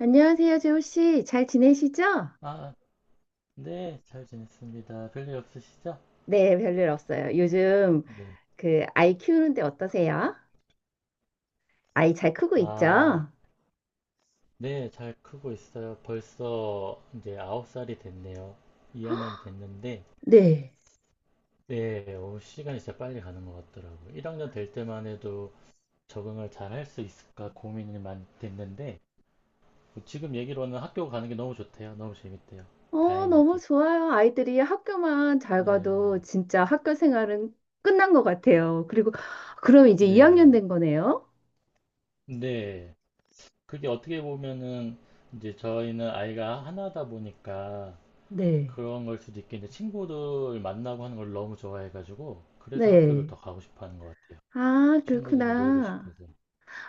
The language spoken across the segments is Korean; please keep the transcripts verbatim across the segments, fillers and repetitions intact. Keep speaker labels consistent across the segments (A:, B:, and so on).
A: 안녕하세요, 재호 씨. 잘 지내시죠?
B: 아, 네, 잘 지냈습니다. 별일 없으시죠?
A: 네, 별일 없어요. 요즘
B: 네.
A: 그 아이 키우는데 어떠세요? 아이 잘 크고
B: 아,
A: 있죠?
B: 네, 잘 크고 있어요. 벌써 이제 아홉 살이 됐네요. 이 학년이 됐는데,
A: 네.
B: 네, 어, 시간이 진짜 빨리 가는 것 같더라고요. 일 학년 될 때만 해도 적응을 잘 할 수 있을까 고민이 많이 됐는데, 뭐 지금 얘기로는 학교 가는 게 너무 좋대요. 너무 재밌대요.
A: 어, 너무
B: 다행이게.
A: 좋아요. 아이들이 학교만 잘 가도
B: 네,
A: 진짜 학교 생활은 끝난 것 같아요. 그리고 그럼 이제 이 학년
B: 네,
A: 된 거네요?
B: 네. 그게 어떻게 보면은, 이제 저희는 아이가 하나다 보니까,
A: 네.
B: 그런 걸 수도 있겠는데 친구들 만나고 하는 걸 너무 좋아해가지고 그래서 학교를
A: 네.
B: 더 가고 싶어 하는 것 같아요.
A: 아,
B: 친구들이랑 놀고
A: 그렇구나.
B: 싶어서.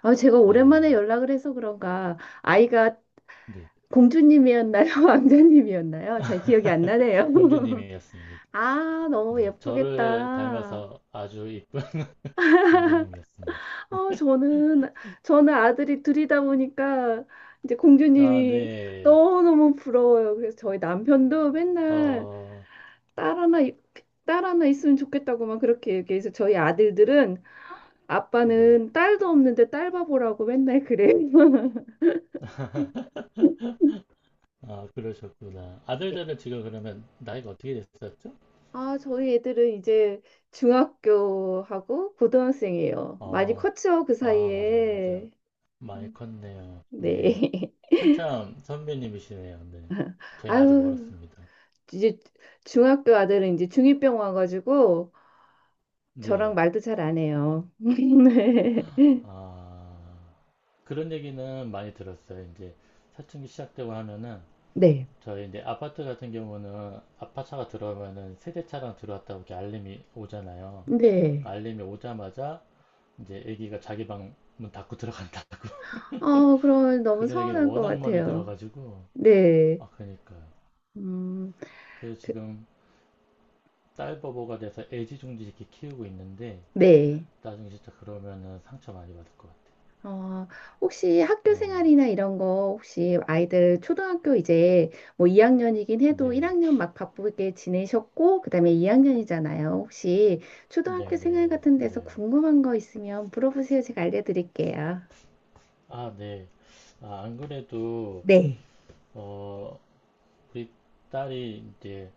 A: 아, 제가 오랜만에
B: 네,
A: 연락을 해서 그런가 아이가
B: 네.
A: 공주님이었나요? 왕자님이었나요? 잘 기억이 안 나네요.
B: 공주님이었습니다.
A: 아, 너무
B: 네, 저를
A: 예쁘겠다.
B: 닮아서 아주 이쁜 공주님이었습니다.
A: 어, 저는, 저는 아들이 둘이다 보니까 이제
B: 아,
A: 공주님이
B: 네.
A: 너무너무 부러워요. 그래서 저희 남편도 맨날
B: 어,
A: 딸 하나, 있- 딸 하나 있으면 좋겠다고만 그렇게 얘기해서 저희 아들들은
B: 네.
A: 아빠는 딸도 없는데 딸 바보라고 맨날 그래요.
B: 아, 그러셨구나.
A: 네.
B: 아들들은 지금 그러면 나이가 어떻게 됐었죠?
A: 아, 저희 애들은 이제 중학교하고 고등학생이에요. 많이
B: 아,
A: 컸죠, 그
B: 아, 맞아요, 맞아요.
A: 사이에.
B: 많이
A: 음,
B: 컸네요. 네.
A: 네.
B: 한참 선배님이시네요. 네. 저희는 아직
A: 아유.
B: 멀었습니다.
A: 이제 중학교 아들은 이제 중이 병 와가지고 저랑
B: 네.
A: 말도 잘 안 해요. 네.
B: 아, 그런 얘기는 많이 들었어요. 이제 사춘기 시작되고 하면은
A: 네.
B: 저희 이제 아파트 같은 경우는 아파트차가 들어오면은 세대차랑 들어왔다고 이렇게 알림이 오잖아요. 그
A: 네.
B: 알림이 오자마자 이제 애기가 자기 방 문 닫고 들어간다.
A: 어, 그럼 너무
B: 그런 얘기는
A: 서운할 것
B: 워낙 많이
A: 같아요.
B: 들어가지고
A: 네.
B: 아 그러니까요.
A: 음,
B: 그래서
A: 그,
B: 지금 딸 바보가 돼서 애지중지 이렇게 키우고 있는데
A: 네.
B: 나중에 진짜 그러면은 상처 많이 받을 것
A: 어, 혹시 학교
B: 같아요.
A: 생활이나 이런 거 혹시 아이들 초등학교 이제 뭐 이 학년이긴 해도
B: 네,
A: 일 학년 막 바쁘게 지내셨고 그다음에 이 학년이잖아요. 혹시
B: 네,
A: 초등학교
B: 네,
A: 생활
B: 네,
A: 같은 데서
B: 네.
A: 궁금한 거 있으면 물어보세요. 제가 알려드릴게요.
B: 아, 네. 아, 안 그래도,
A: 네.
B: 어, 우리 딸이 이제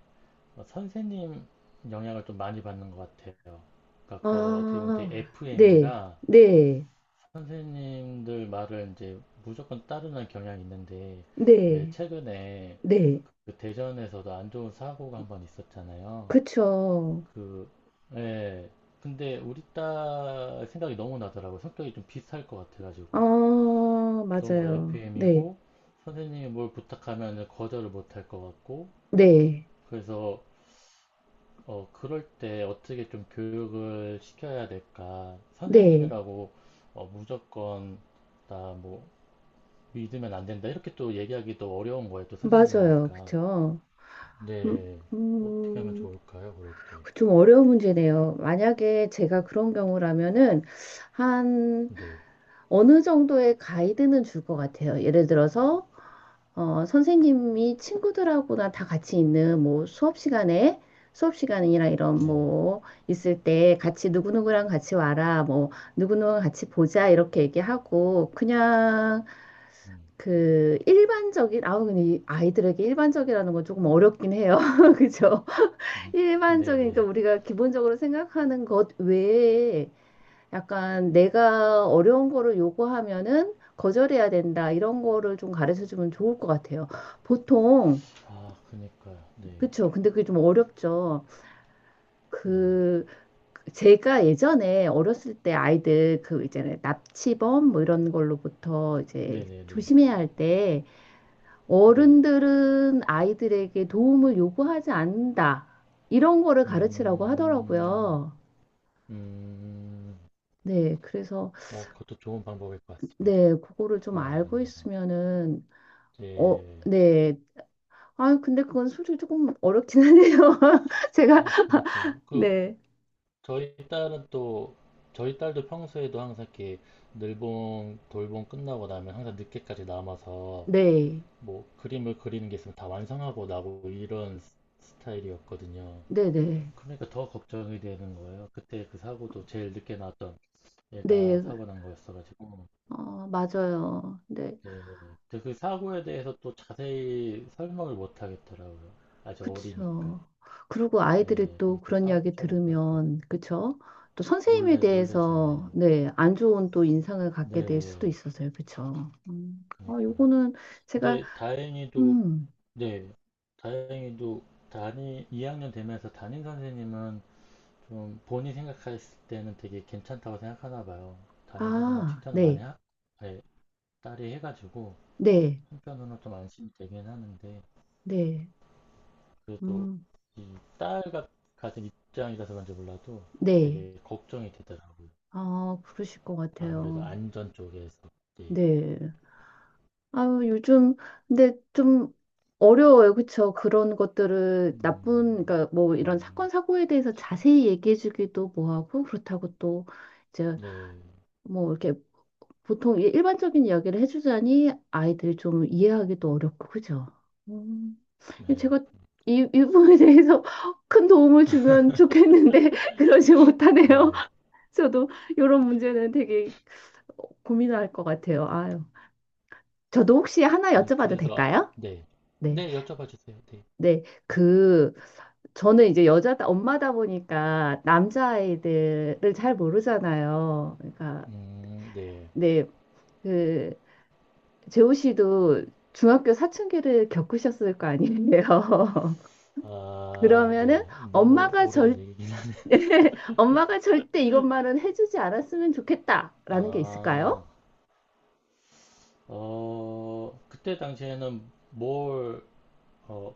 B: 선생님 영향을 좀 많이 받는 것 같아요. 그러니까 거 어떻게 보면
A: 아,
B: 되게
A: 네,
B: 에프엠이라
A: 네,
B: 선생님들 말을 이제 무조건 따르는 경향이 있는데, 왜
A: 네,
B: 최근에
A: 네.
B: 그 대전에서도 안 좋은 사고가 한번 있었잖아요.
A: 그쵸.
B: 그, 예. 근데 우리 딸 생각이 너무 나더라고요. 성격이 좀 비슷할 것
A: 아,
B: 같아가지고. 너무
A: 맞아요. 네,
B: 엘피엠이고 선생님이 뭘 부탁하면 거절을 못 할 것 같고
A: 네,
B: 그래서 어, 그럴 때 어떻게 좀 교육을 시켜야 될까?
A: 네.
B: 선생님이라고 어, 무조건 나 뭐 믿으면 안 된다 이렇게 또 얘기하기도 어려운 거예요. 또
A: 맞아요.
B: 선생님이니까.
A: 그쵸. 음,
B: 네. 어떻게 하면
A: 음,
B: 좋을까요? 그럴 때.
A: 그 좀 어려운 문제네요. 만약에 제가 그런 경우라면은, 한,
B: 네.
A: 어느 정도의 가이드는 줄 것 같아요. 예를 들어서, 어, 선생님이 친구들하고나 다 같이 있는 뭐 수업 시간에 수업 시간이나 이런
B: 네네.
A: 뭐 있을 때 같이 누구누구랑 같이 와라 뭐 누구누구랑 같이 보자 이렇게 얘기하고 그냥
B: 음.
A: 그 일반적인 아우 근데 이 아이들에게 일반적이라는 건 조금 어렵긴 해요. 그죠? 일반적인 그러니까
B: 네네.
A: 우리가 기본적으로 생각하는 것 외에 약간 내가 어려운 거를 요구하면은 거절해야 된다. 이런 거를 좀 가르쳐 주면 좋을 것 같아요. 보통,
B: 아, 그니까요. 네.
A: 그쵸. 근데 그게 좀 어렵죠.
B: 네.
A: 그, 제가 예전에 어렸을 때 아이들 그 이제 납치범 뭐 이런 걸로부터 이제
B: 네네네.
A: 조심해야 할 때
B: 네.
A: 어른들은 아이들에게 도움을 요구하지 않는다. 이런 거를 가르치라고
B: 음.
A: 하더라고요.
B: 음.
A: 네. 그래서,
B: 어, 그것도 좋은 방법일 것 같습니다.
A: 네. 그거를 좀
B: 어,
A: 알고
B: 맞네요.
A: 있으면은 어,
B: 예.
A: 네, 아, 근데 그건 솔직히 조금 어렵긴 하네요. 제가,
B: 아, 그니까요. 그,
A: 네.
B: 저희 딸은 또, 저희 딸도 평소에도 항상 이렇게 늘봉, 돌봉 끝나고 나면 항상 늦게까지 남아서
A: 네.
B: 뭐 그림을 그리는 게 있으면 다 완성하고 나고 이런 스- 스타일이었거든요.
A: 네네.
B: 그러니까 더 걱정이 되는 거예요. 그때 그 사고도 제일 늦게 났던 애가
A: 네.
B: 사고 난 거였어가지고.
A: 어, 맞아요. 네.
B: 네. 근데 그 사고에 대해서 또 자세히 설명을 못 하겠더라고요. 아직 어리니까.
A: 그쵸. 그리고 아이들이
B: 네,
A: 또
B: 그럼 또
A: 그런 이야기
B: 사업자밖에 할까
A: 들으면, 그쵸? 또 선생님에
B: 놀래
A: 대해서,
B: 놀래잖아요.
A: 네. 안 좋은 또 인상을 갖게 될 수도
B: 네,
A: 있어서요. 그쵸? 음. 아,
B: 그니까요.
A: 요거는 제가,
B: 근데 다행히도
A: 음,
B: 네, 다행히도 담임 이 학년 되면서 담임 선생님은 좀 본인 생각했을 때는 되게 괜찮다고 생각하나 봐요. 담임 선생님
A: 아,
B: 칭찬을 많이
A: 네.
B: 하, 예, 딸이 해가지고
A: 네.
B: 한편으로는 좀 안심이 되긴 하는데
A: 네.
B: 그래도
A: 음,
B: 이 딸과 같은 입장이라서 그런지 몰라도
A: 네.
B: 되게 걱정이 되더라고요.
A: 아, 그러실 것
B: 아무래도
A: 같아요.
B: 안전 쪽에서. 예.
A: 네. 아유, 요즘, 근데 좀 어려워요. 그쵸? 그런 것들을 나쁜,
B: 음,
A: 그러니까 뭐 이런
B: 음,
A: 사건, 사고에 대해서 자세히 얘기해주기도 뭐하고, 그렇다고 또 이제
B: 네,
A: 뭐 이렇게 보통 이- 일반적인 이야기를 해주자니 아이들이 좀 이해하기도 어렵고, 그죠? 음,
B: 네,
A: 제가 이, 이 부분에 대해서 큰 도움을 주면 좋겠는데, 그러지 못하네요.
B: 네.
A: 저도 이런 문제는 되게 고민할 것 같아요. 아유. 저도 혹시 하나
B: 아니,
A: 여쭤봐도
B: 그래서, 아,
A: 될까요?
B: 네.
A: 네.
B: 네, 여쭤봐 주세요. 네.
A: 네, 그, 저는 이제 여자, 엄마다 보니까 남자아이들을 잘 모르잖아요. 그러니까,
B: 음, 네.
A: 네, 그, 재호 씨도 중학교 사춘기를 겪으셨을 거 아니에요.
B: 아,
A: 그러면은
B: 네. 너무
A: 엄마가
B: 오래된
A: 절,
B: 얘기긴 한.
A: 엄마가 절대 이것만은 해주지 않았으면 좋겠다라는 게
B: 아,
A: 있을까요?
B: 어, 그때 당시에는 뭘, 어,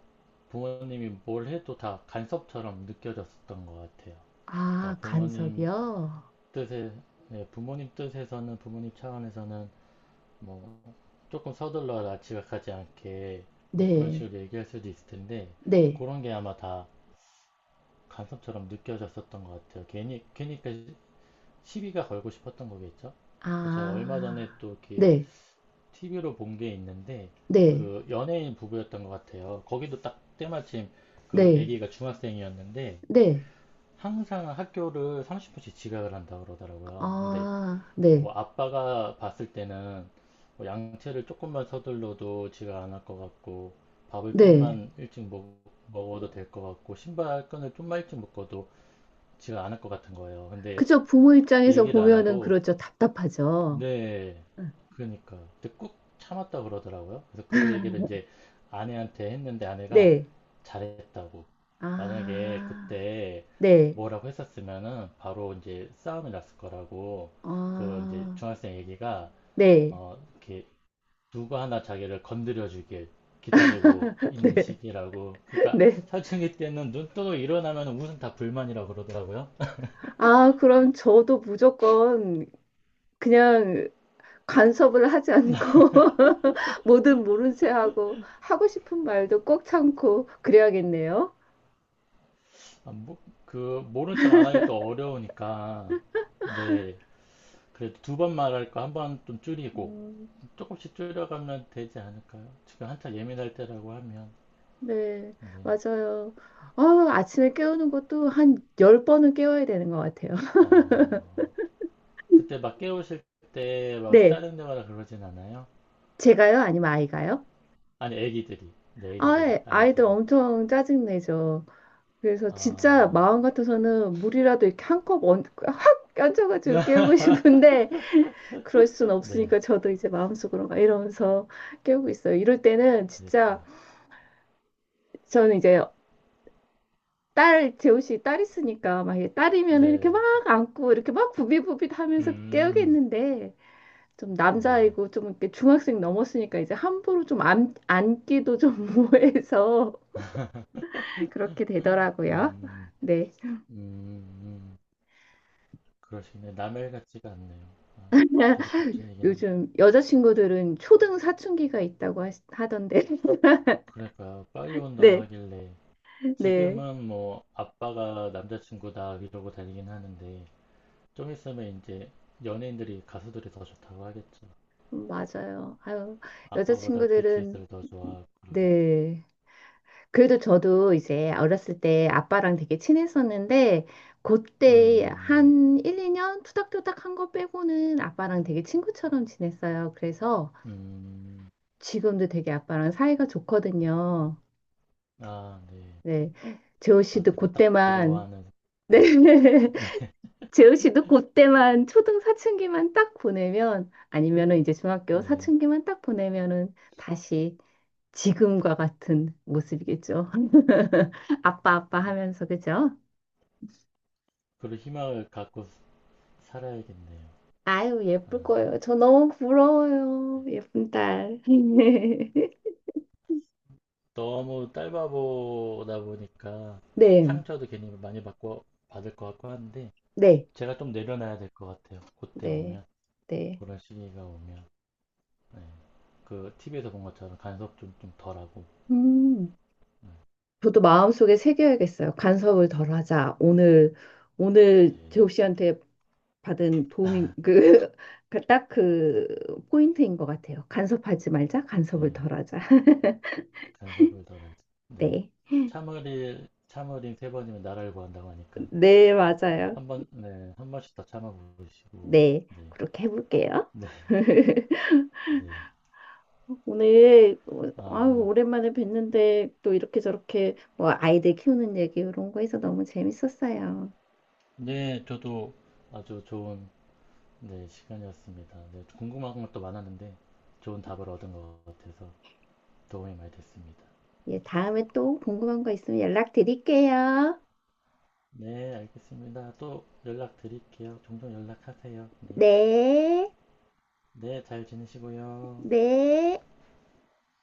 B: 부모님이 뭘 해도 다 간섭처럼 느껴졌었던 것 같아요.
A: 아,
B: 그러니까 부모님
A: 간섭이요?
B: 뜻에, 네, 부모님 뜻에서는, 부모님 차원에서는 뭐 조금 서둘러 지각하지 않게 뭐 그런
A: 네,
B: 식으로 얘기할 수도 있을 텐데
A: 네,
B: 그런 게 아마 다 간섭처럼 느껴졌었던 것 같아요. 괜히 괜히 그 시비가 걸고 싶었던 거겠죠? 그 제가 얼마 전에
A: 아,
B: 또 이렇게
A: 네,
B: 티비로 본 게 있는데
A: 네,
B: 그 연예인 부부였던 것 같아요. 거기도 딱 때마침 그
A: 네,
B: 아기가 중학생이었는데
A: 네,
B: 항상 학교를 삼십 분씩 지각을 한다 그러더라고요. 근데
A: 아,
B: 그
A: 네.
B: 아빠가 봤을 때는 뭐 양채를 조금만 서둘러도 지가 안 할 것 같고 밥을
A: 네.
B: 좀만 일찍 먹, 먹어도 될 것 같고 신발끈을 좀만 일찍 묶어도 지가 안 할 것 같은 거예요. 근데
A: 그죠. 부모 입장에서
B: 얘기를 안
A: 보면은
B: 하고
A: 그렇죠. 답답하죠.
B: 네 그러니까 근데 꾹 참았다 그러더라고요. 그래서 그 얘기를 이제 아내한테 했는데 아내가
A: 네.
B: 잘했다고 만약에
A: 아,
B: 그때
A: 네.
B: 뭐라고 했었으면은 바로 이제 싸움이 났을 거라고 그 이제
A: 아,
B: 중학생 얘기가
A: 네.
B: 어, 이렇게 누가 하나 자기를 건드려주길 기다리고 있는
A: 네.
B: 시기라고. 그러니까
A: 네
B: 사춘기 때는 눈 뜨고 일어나면 우선 다 불만이라고 그러더라고요.
A: 아, 그럼 저도 무조건 그냥 간섭을 하지 않고 뭐든 모른 채 하고 하고 싶은 말도 꼭 참고 그래야겠네요.
B: 아, 뭐, 그 모른 척 안 하기 또 어려우니까. 네. 그래도 두 번 말할 거 한 번 좀 줄이고
A: 음,
B: 조금씩 줄여가면 되지 않을까요? 지금 한창 예민할 때라고 하면.
A: 네,
B: 네.
A: 맞아요. 아, 아침에 깨우는 것도 한 열번은 깨워야 되는 것 같아요.
B: 어, 그때 막 깨우실 때 막
A: 네.
B: 짜증내거나 그러진 않아요?
A: 제가요? 아니면 아이가요?
B: 아니, 애기들이. 네,
A: 아,
B: 애기들이. 아이들이.
A: 아이들 엄청 짜증내죠. 그래서
B: 아,
A: 진짜 마음 같아서는 물이라도 이렇게 한 컵 확 얹어가지고 깨우고 싶은데 그럴 순
B: 네,
A: 없으니까 저도 이제 마음속으로 막 이러면서 깨우고 있어요. 이럴 때는 진짜
B: 그러니까.
A: 저는 이제 딸, 재우씨 딸 있으니까 막 이게 딸이면 이렇게
B: 네,
A: 막 안고 이렇게 막 부비부빗 하면서
B: 음,
A: 깨우겠는데 좀
B: 네,
A: 남자이고 좀 이렇게 중학생 넘었으니까 이제 함부로 좀 안, 안기도 좀 뭐해서 그렇게 되더라고요.
B: 음,
A: 네.
B: 음, 음, 그러시네. 남의 일 같지가 않네요. 아, 저도 걱정이긴 합니다.
A: 요즘 여자친구들은 초등 사춘기가 있다고 하, 하던데.
B: 그러니까 빨리 온다고
A: 네.
B: 하길래
A: 네.
B: 지금은 뭐 아빠가 남자친구다 이러고 다니긴 하는데 좀 있으면 이제 연예인들이 가수들이 더 좋다고 하겠죠.
A: 맞아요. 아유,
B: 아빠보다
A: 여자친구들은
B: 비티에스를 더 좋아하고 그러겠죠.
A: 네. 그래도 저도 이제 어렸을 때 아빠랑 되게 친했었는데, 그때
B: 음,
A: 한 일, 이 년 투닥투닥 한 거 빼고는 아빠랑 되게 친구처럼 지냈어요. 그래서
B: 음,
A: 지금도 되게 아빠랑 사이가 좋거든요.
B: 아, 네.
A: 네. 재호
B: 아,
A: 씨도
B: 제가 딱
A: 그때만,
B: 부러워하는, 네,
A: 네. 재우 씨도 그때만 초등 사춘기만 딱 보내면 아니면은 이제 중학교
B: 네.
A: 사춘기만 딱 보내면은 다시 지금과 같은 모습이겠죠. 아빠 아빠 하면서 그죠?
B: 그런 희망을 갖고 살아야겠네요.
A: 아유
B: 아,
A: 예쁠 거예요. 저 너무 부러워요. 예쁜 딸.
B: 너무 딸바보다 보니까
A: 네,
B: 상처도 괜히 많이 받고 받을 것 같고 하는데
A: 네,
B: 제가 좀 내려놔야 될 것 같아요. 그때
A: 네,
B: 오면
A: 네.
B: 그런 시기가 오면 네. 그 티비에서 본 것처럼 간섭 좀 좀 덜하고
A: 음,
B: 네.
A: 저도 마음속에 새겨야겠어요. 간섭을 덜하자. 오늘 오늘
B: 네,
A: 재욱 씨한테 받은 도움인 그, 그 딱 그 포인트인 것 같아요. 간섭하지 말자,
B: 네.
A: 간섭을 덜하자.
B: 간섭을 덜하지. 네.
A: 네,
B: 참을일 참으인세 번이면 나라를 구한다고 하니까
A: 네, 맞아요.
B: 한 번, 네, 한 번씩 더 참아보시고
A: 네,
B: 네,
A: 그렇게 해볼게요.
B: 네, 네.
A: 오늘 어,
B: 아
A: 아유,
B: 오늘
A: 오랜만에 뵀는데 또 이렇게 저렇게 뭐 아이들 키우는 얘기 이런 거 해서 너무 재밌었어요.
B: 네, 저도 아주 좋은 네, 시간이었습니다. 네, 궁금한 것도 많았는데 좋은 답을 얻은 것 같아서 도움이 많이 됐습니다.
A: 예, 다음에 또 궁금한 거 있으면 연락드릴게요.
B: 네, 알겠습니다. 또 연락드릴게요. 종종 연락하세요. 네,
A: 네,
B: 네, 잘 지내시고요.
A: 네.